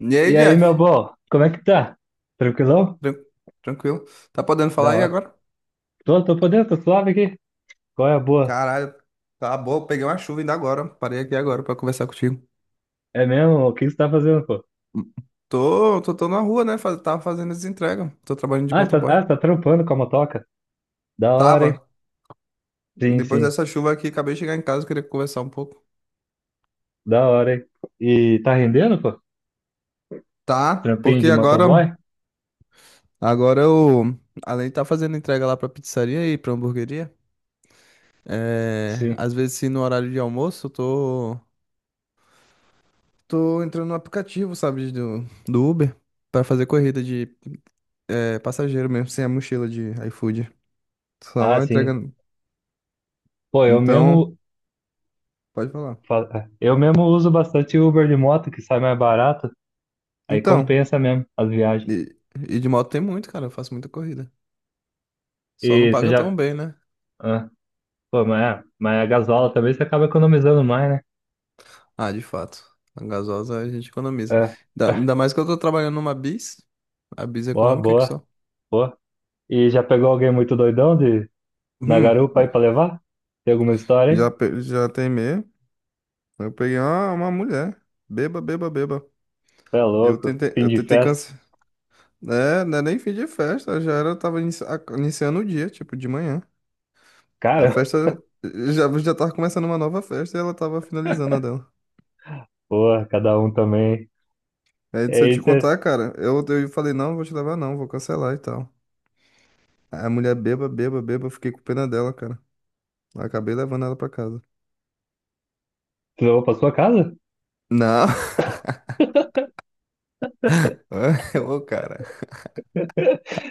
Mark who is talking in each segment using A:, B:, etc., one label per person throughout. A: E
B: E
A: aí,
B: aí, meu
A: Jeff?
B: bom, como é que tá? Tranquilão?
A: Tran- Tranquilo. Tá podendo falar
B: Da
A: aí
B: hora.
A: agora?
B: Tô podendo, tô suave aqui. Qual é a boa?
A: Caralho, tá boa. Eu peguei uma chuva ainda agora. Parei aqui agora pra conversar contigo.
B: É mesmo? O que você tá fazendo, pô?
A: Hum. Tô na rua, né? Tava fazendo as entregas. Tô trabalhando de
B: Ah,
A: motoboy.
B: você tá trampando com a motoca? Da hora,
A: Tava.
B: hein? Sim,
A: Depois
B: sim.
A: dessa chuva aqui, acabei de chegar em casa, queria conversar um pouco.
B: Da hora, hein? E tá rendendo, pô?
A: Tá,
B: Trampinho
A: porque
B: de
A: agora,
B: motoboy?
A: agora eu, além de estar fazendo entrega lá pra pizzaria e pra hamburgueria, é,
B: Sim.
A: às vezes, se no horário de almoço, eu tô entrando no aplicativo, sabe, do Uber, pra fazer corrida de É passageiro mesmo, sem a mochila de iFood.
B: Ah,
A: Só
B: sim.
A: entregando.
B: Pô,
A: Então, pode falar.
B: eu mesmo uso bastante Uber de moto, que sai mais barato. Aí
A: Então,
B: compensa mesmo as viagens.
A: e, e de moto tem muito, cara. Eu faço muita corrida. Só não
B: E você
A: paga
B: já.
A: tão bem, né?
B: Ah, pô, mas, mas a gasola também você acaba economizando mais, né?
A: Ah, de fato. A gasosa a gente economiza.
B: É.
A: Ainda ainda mais que eu tô trabalhando numa bis. A bis
B: Boa,
A: econômica que
B: boa.
A: só.
B: Boa. E já pegou alguém muito doidão de na
A: Hum,
B: garupa aí pra levar? Tem alguma história
A: já,
B: aí?
A: já teimei. Eu peguei uma mulher. Beba, beba, beba.
B: Cê é
A: Eu
B: louco,
A: tentei,
B: fim
A: eu
B: de
A: tentei
B: festa.
A: cancelar. É, não é nem fim de festa. Já era, eu tava iniciando o dia, tipo, de manhã. A
B: Cara,
A: festa já tava começando uma nova festa e ela tava finalizando a dela.
B: porra, cada um também.
A: Aí
B: E
A: se eu te
B: aí você
A: contar, cara, eu falei, não, vou te levar não, vou cancelar e tal. Aí a mulher beba, beba, beba, eu fiquei com pena dela, cara. Eu acabei levando ela pra casa.
B: levou pra sua casa?
A: Não, ô cara,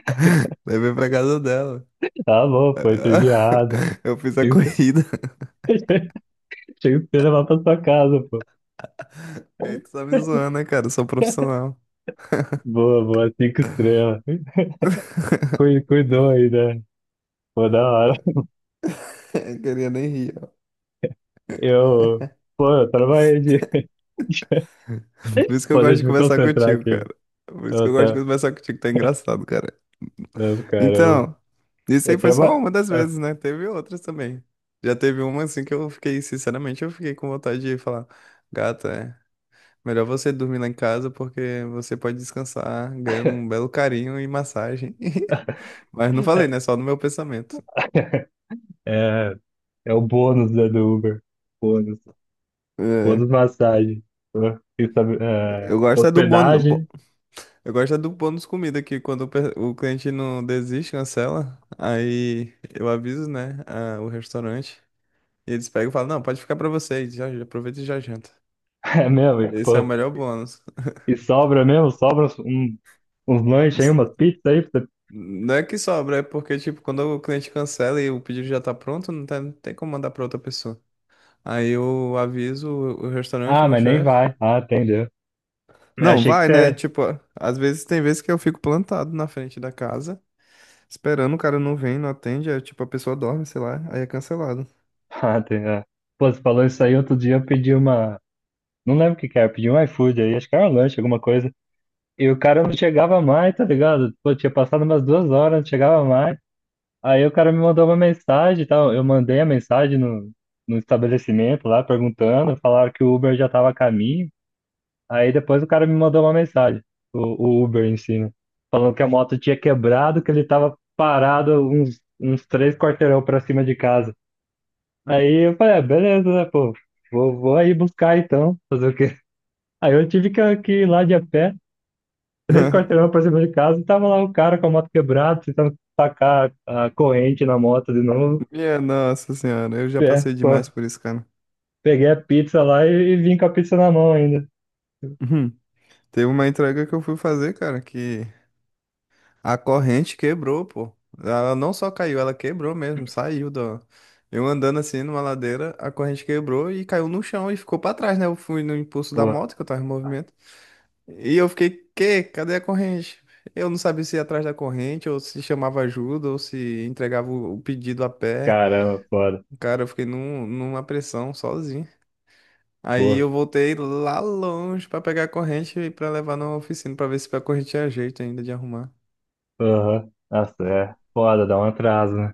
A: levei pra casa dela.
B: Tá bom, foi entediado.
A: Eu fiz a
B: Tinha que ser
A: corrida.
B: tinha que ser levar pra sua casa, pô.
A: Aí tu tá me zoando, né, cara? Eu sou profissional.
B: Boa, boa, cinco estrelas. Cuidou aí, né? Pô, da hora.
A: Eu queria nem rir. Ó.
B: Eu, pô, eu trabalhei de.
A: Por isso que eu
B: Pô,
A: gosto de
B: deixa eu me
A: conversar
B: concentrar
A: contigo, cara.
B: aqui.
A: Por isso que eu
B: Eu,
A: gosto de
B: tá.
A: conversar contigo, tá engraçado, cara.
B: Eu, caramba.
A: Então, isso aí
B: Eu
A: foi só
B: trabalho.
A: uma das vezes, né? Teve outras também. Já teve uma assim que eu fiquei, sinceramente, eu fiquei com vontade de falar, gata, é melhor você dormir lá em casa porque você pode descansar ganhando um belo carinho e massagem. Mas não falei, né? Só no meu pensamento.
B: É o bônus né, do Uber. Bônus. Bônus
A: É,
B: massagem. Pô, isso é,
A: eu gosto é do bônus,
B: hospedagem.
A: eu gosto é do bônus comida que quando o o cliente não desiste, cancela, aí eu aviso, né, o restaurante e eles pegam e falam, não, pode ficar pra vocês, já, já aproveita e já janta.
B: É mesmo. E,
A: Esse é o
B: pô,
A: melhor bônus.
B: e sobra mesmo? Sobra uns lanches aí, umas pizzas aí. Pra você-
A: Não é que sobra, é porque, tipo, quando o cliente cancela e o pedido já tá pronto, não tem como mandar pra outra pessoa. Aí eu aviso o restaurante,
B: Ah,
A: meu
B: mas nem
A: chefe.
B: vai. Ah, entendeu. Eu
A: Não,
B: achei que
A: vai, né?
B: você.
A: Tipo, às vezes tem vezes que eu fico plantado na frente da casa, esperando, o cara não vem, não atende, aí, tipo, a pessoa dorme, sei lá, aí é cancelado.
B: Ah, entendeu. Pô, você falou isso aí outro dia. Eu pedi uma. Não lembro o que que era. Eu pedi um iFood aí. Acho que era um lanche, alguma coisa. E o cara não chegava mais, tá ligado? Pô, tinha passado umas 2 horas, não chegava mais. Aí o cara me mandou uma mensagem e tal. Eu mandei a mensagem no estabelecimento lá, perguntando. Falaram que o Uber já estava a caminho. Aí depois o cara me mandou uma mensagem, o, o Uber em si, né? Falando que a moto tinha quebrado, que ele estava parado uns 3 quarteirão para cima de casa. Aí eu falei, ah, beleza, né, pô? Vou aí buscar então, fazer o quê? Aí eu tive que ir lá de a pé, 3 quarteirão pra cima de casa, e tava lá o cara com a moto quebrada, tentando tacar a corrente na moto de novo.
A: Minha nossa senhora, eu já
B: É,
A: passei
B: pô,
A: demais por isso, cara.
B: peguei a pizza lá e vim com a pizza na mão ainda.
A: Uhum. Teve uma entrega que eu fui fazer, cara, que a corrente quebrou, pô. Ela não só caiu, ela quebrou mesmo, saiu da. Eu andando assim numa ladeira, a corrente quebrou e caiu no chão e ficou pra trás, né? Eu fui no impulso da
B: Pô,
A: moto que eu tava em movimento. E eu fiquei, quê? Cadê a corrente? Eu não sabia se ia atrás da corrente, ou se chamava ajuda, ou se entregava o pedido a pé.
B: caramba, foda.
A: Cara, eu fiquei numa pressão sozinho. Aí
B: Pô,
A: eu voltei lá longe pra pegar a corrente e pra levar na oficina pra ver se a corrente tinha jeito ainda de arrumar.
B: aham. Nossa, é foda, dá um atraso, né?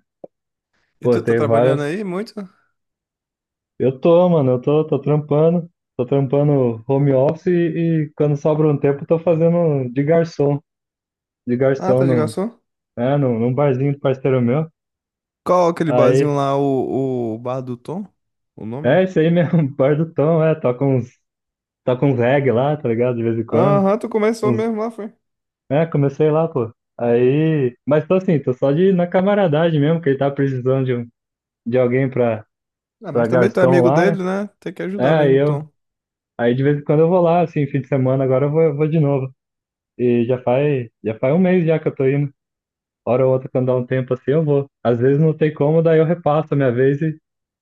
A: E
B: Pô,
A: tu tá
B: tem
A: trabalhando
B: várias.
A: aí muito?
B: Eu tô, mano, eu tô trampando. Tô trampando home office e quando sobra um tempo, eu tô fazendo de garçom. De
A: Ah,
B: garçom
A: tá de
B: num,
A: garçom?
B: é, num, num barzinho do parceiro meu.
A: Qual aquele barzinho
B: Aí,
A: lá, o Bar do Tom? O nome?
B: é isso aí mesmo, bar do Tom, é. Toca uns reggae lá, tá ligado? De vez em quando.
A: Aham, tu começou
B: Uns
A: mesmo lá, foi.
B: É, comecei lá, pô. Aí, mas tô assim, tô só de na camaradagem mesmo, que ele tá precisando de alguém pra,
A: Ah,
B: pra
A: mas também tu é
B: garçom
A: amigo
B: lá, né?
A: dele, né? Tem que
B: É,
A: ajudar mesmo, Tom.
B: aí de vez em quando eu vou lá, assim, fim de semana, agora eu vou de novo. E já faz um mês já que eu tô indo. Hora ou outra, quando dá um tempo assim, eu vou. Às vezes não tem como, daí eu repasso a minha vez e,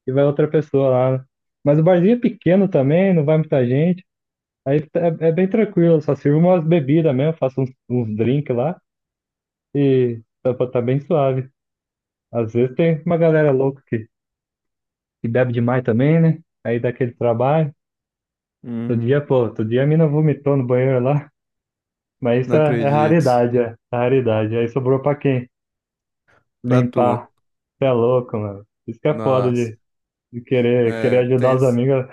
B: e vai outra pessoa lá, né? Mas o barzinho é pequeno também, não vai muita gente. Aí é bem tranquilo, só sirvo umas bebidas mesmo, faço uns drinks lá e tá bem suave. Às vezes tem uma galera louca que bebe demais também, né? Aí dá aquele trabalho. Todo dia,
A: Hum,
B: pô, outro dia a mina vomitou no banheiro lá. Mas isso
A: não
B: é
A: acredito.
B: raridade, é raridade. Aí sobrou pra quem?
A: Pra tu.
B: Limpar. Você é louco, mano. Isso que é foda
A: Nossa.
B: de querer
A: É, tem,
B: ajudar os amigos.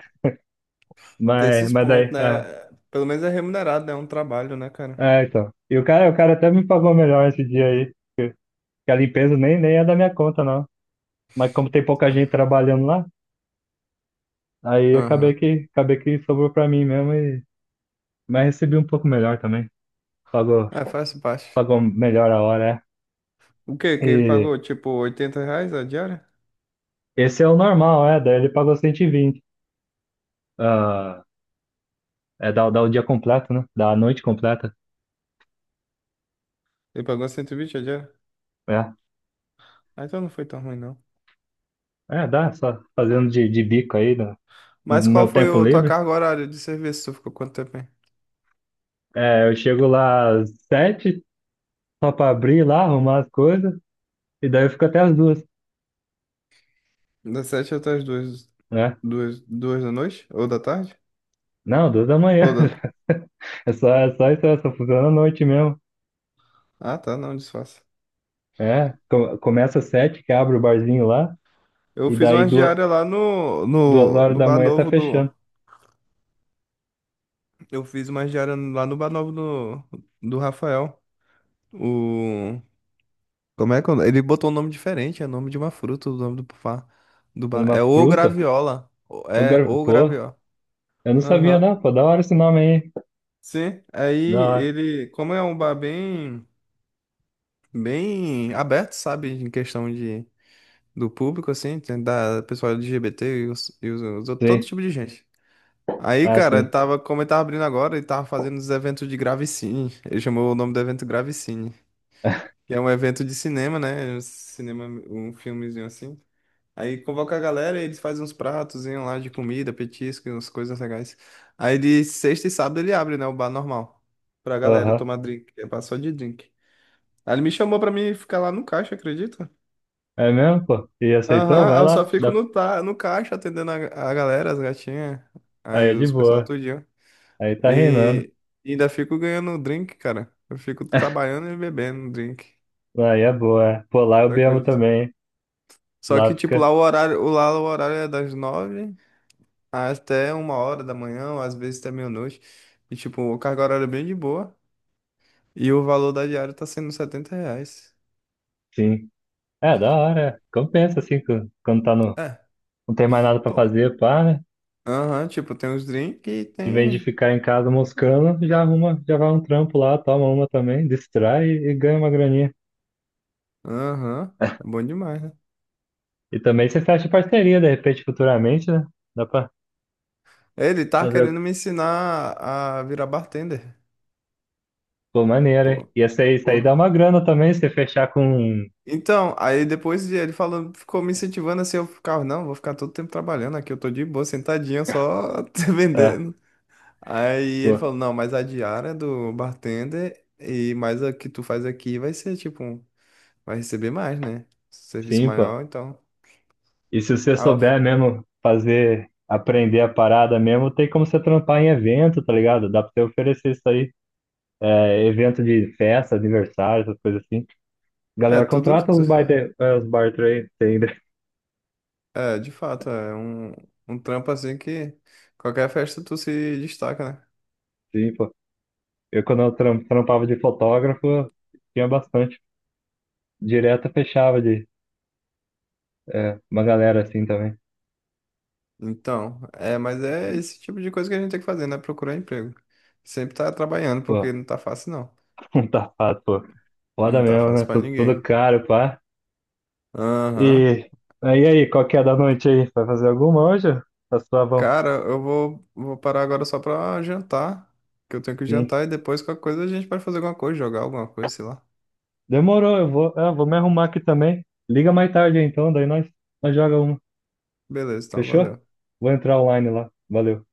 A: tem
B: Mas,
A: esses
B: mas
A: pontos,
B: daí,
A: né?
B: é,
A: Pelo menos é remunerado, né? É um trabalho, né, cara?
B: é, então. E o cara até me pagou melhor esse dia aí. Que a limpeza nem é da minha conta, não. Mas como tem pouca gente trabalhando lá, aí acabei
A: Aham.
B: que, acabei que sobrou pra mim mesmo e, mas recebi um pouco melhor também. Pagou
A: É, faz parte.
B: pagou melhor a hora,
A: O quê?
B: é.
A: Que ele
B: E
A: pagou, tipo, R$ 80 a diária?
B: esse é o normal, é. Daí ele pagou 120. Ah, é, dá o dia completo, né? Dá a noite completa.
A: Ele pagou 120 a diária?
B: É,
A: Ah, então não foi tão ruim, não.
B: é dá, só fazendo de bico aí no
A: Mas qual
B: meu
A: foi
B: tempo
A: a tua
B: livre.
A: carga horária de serviço? Tu ficou quanto tempo aí?
B: É, eu chego lá às 7, só pra abrir lá, arrumar as coisas, e daí eu fico até as 2,
A: Das sete até as duas,
B: né?
A: duas da noite? Ou da tarde?
B: Não, 2 da manhã.
A: Ou da...
B: É só isso. É só funciona à noite mesmo.
A: Ah, tá, não, disfarça.
B: É, começa às 7, que abre o barzinho lá,
A: Eu
B: e
A: fiz
B: daí
A: umas
B: duas,
A: diárias lá
B: duas horas
A: no
B: da
A: Bar
B: manhã tá
A: Novo do...
B: fechando.
A: Eu fiz umas diárias lá no Bar Novo do Rafael. O... Como é que... é o nome? Ele botou um nome diferente, é o nome de uma fruta, o nome do, do bar.
B: Uma
A: É o
B: fruta,
A: Graviola.
B: o
A: É,
B: gar.
A: o
B: Pô,
A: Graviola.
B: eu não sabia,
A: Aham.
B: não, pô. Da hora esse nome aí.
A: Sim, aí
B: Da hora.
A: ele, como é um bar bem, bem aberto, sabe, em questão de do público, assim, tem da pessoal LGBT e os outros- todo
B: Sim.
A: tipo de gente. Aí,
B: Ah,
A: cara, ele
B: sim.
A: tava, como ele tava abrindo agora, ele tava fazendo os eventos de Gravicine. Ele chamou o nome do evento Gravicine, que é um evento de cinema, né? Um cinema, um filmezinho assim. Aí convoca a galera e eles fazem uns pratos lá de comida, petisco, umas coisas legais. Aí de sexta e sábado ele abre, né? O bar normal. Pra galera
B: Aham.
A: tomar drink. É bar só de drink. Aí ele me chamou pra mim ficar lá no caixa, acredito?
B: É mesmo, pô? E aceitou? Vai
A: Aham, eu só
B: lá.
A: fico
B: Dá-
A: no, no caixa atendendo a galera, as gatinhas,
B: Aí
A: aí
B: é de
A: os pessoal
B: boa.
A: tudinho.
B: Aí tá reinando.
A: E, e ainda fico ganhando drink, cara. Eu fico trabalhando e bebendo drink.
B: Aí é boa. É. Pô, lá eu
A: Só
B: bebo
A: acredito.
B: também.
A: Só que,
B: Lá
A: tipo, lá
B: fica.
A: o horário, lá o horário é das nove até uma hora da manhã, ou às vezes até meia-noite. E, tipo, o carga horária é bem de boa. E o valor da diária tá sendo R$ 70.
B: Sim. É, da hora. É. Compensa, assim, quando tá no.
A: É,
B: Não tem mais nada pra
A: pô.
B: fazer, pá, né?
A: Aham, tipo, tem os drinks e
B: Em vez de
A: tem.
B: ficar em casa moscando, já arruma, já vai um trampo lá, toma uma também, distrai e ganha uma graninha.
A: Aham, é bom demais, né?
B: E também você fecha parceria, de repente, futuramente, né? Dá pra
A: Ele tá querendo
B: fazer.
A: me ensinar a virar bartender.
B: Pô, maneiro, hein?
A: Pô,
B: E essa aí, isso aí dá
A: porra.
B: uma grana também, se você fechar com. Um,
A: Então, aí depois de ele falando, ficou me incentivando assim, eu ficava, não, vou ficar todo tempo trabalhando aqui, eu tô de boa, sentadinho, só
B: ah,
A: vendendo. Aí ele
B: pô,
A: falou, não, mas a diária do bartender e mais a que tu faz aqui vai ser tipo, vai receber mais, né? Serviço
B: sim, pô.
A: maior, então.
B: E se você
A: Ah, eu-
B: souber mesmo fazer, aprender a parada mesmo, tem como você trampar em evento, tá ligado? Dá pra você oferecer isso aí. É, evento de festa, aniversário, essas coisas assim.
A: É,
B: Galera,
A: tudo,
B: contrata os bar trade, tem, né?
A: é, de fato, é um, um trampo assim que qualquer festa tu se destaca, né?
B: Sim, pô. Eu, quando eu trampava de fotógrafo, tinha bastante. Direto fechava de é, uma galera assim também.
A: Então, é, mas é esse tipo de coisa que a gente tem que fazer, né? Procurar emprego. Sempre tá trabalhando,
B: Pô,
A: porque não tá fácil, não.
B: um tapado, pô. Foda
A: Não tá
B: mesmo,
A: fácil
B: né?
A: pra
B: Tudo
A: ninguém.
B: caro, pá.
A: Aham.
B: E aí, qual que é da noite aí? Vai fazer alguma hoje? Tá suavão?
A: Cara, vou parar agora só pra jantar, que eu tenho que
B: Sim.
A: jantar e depois qualquer coisa a gente pode fazer alguma coisa, jogar alguma coisa, sei lá.
B: Demorou, eu vou me arrumar aqui também. Liga mais tarde então, daí nós joga uma.
A: Beleza, então,
B: Fechou?
A: valeu.
B: Vou entrar online lá. Valeu.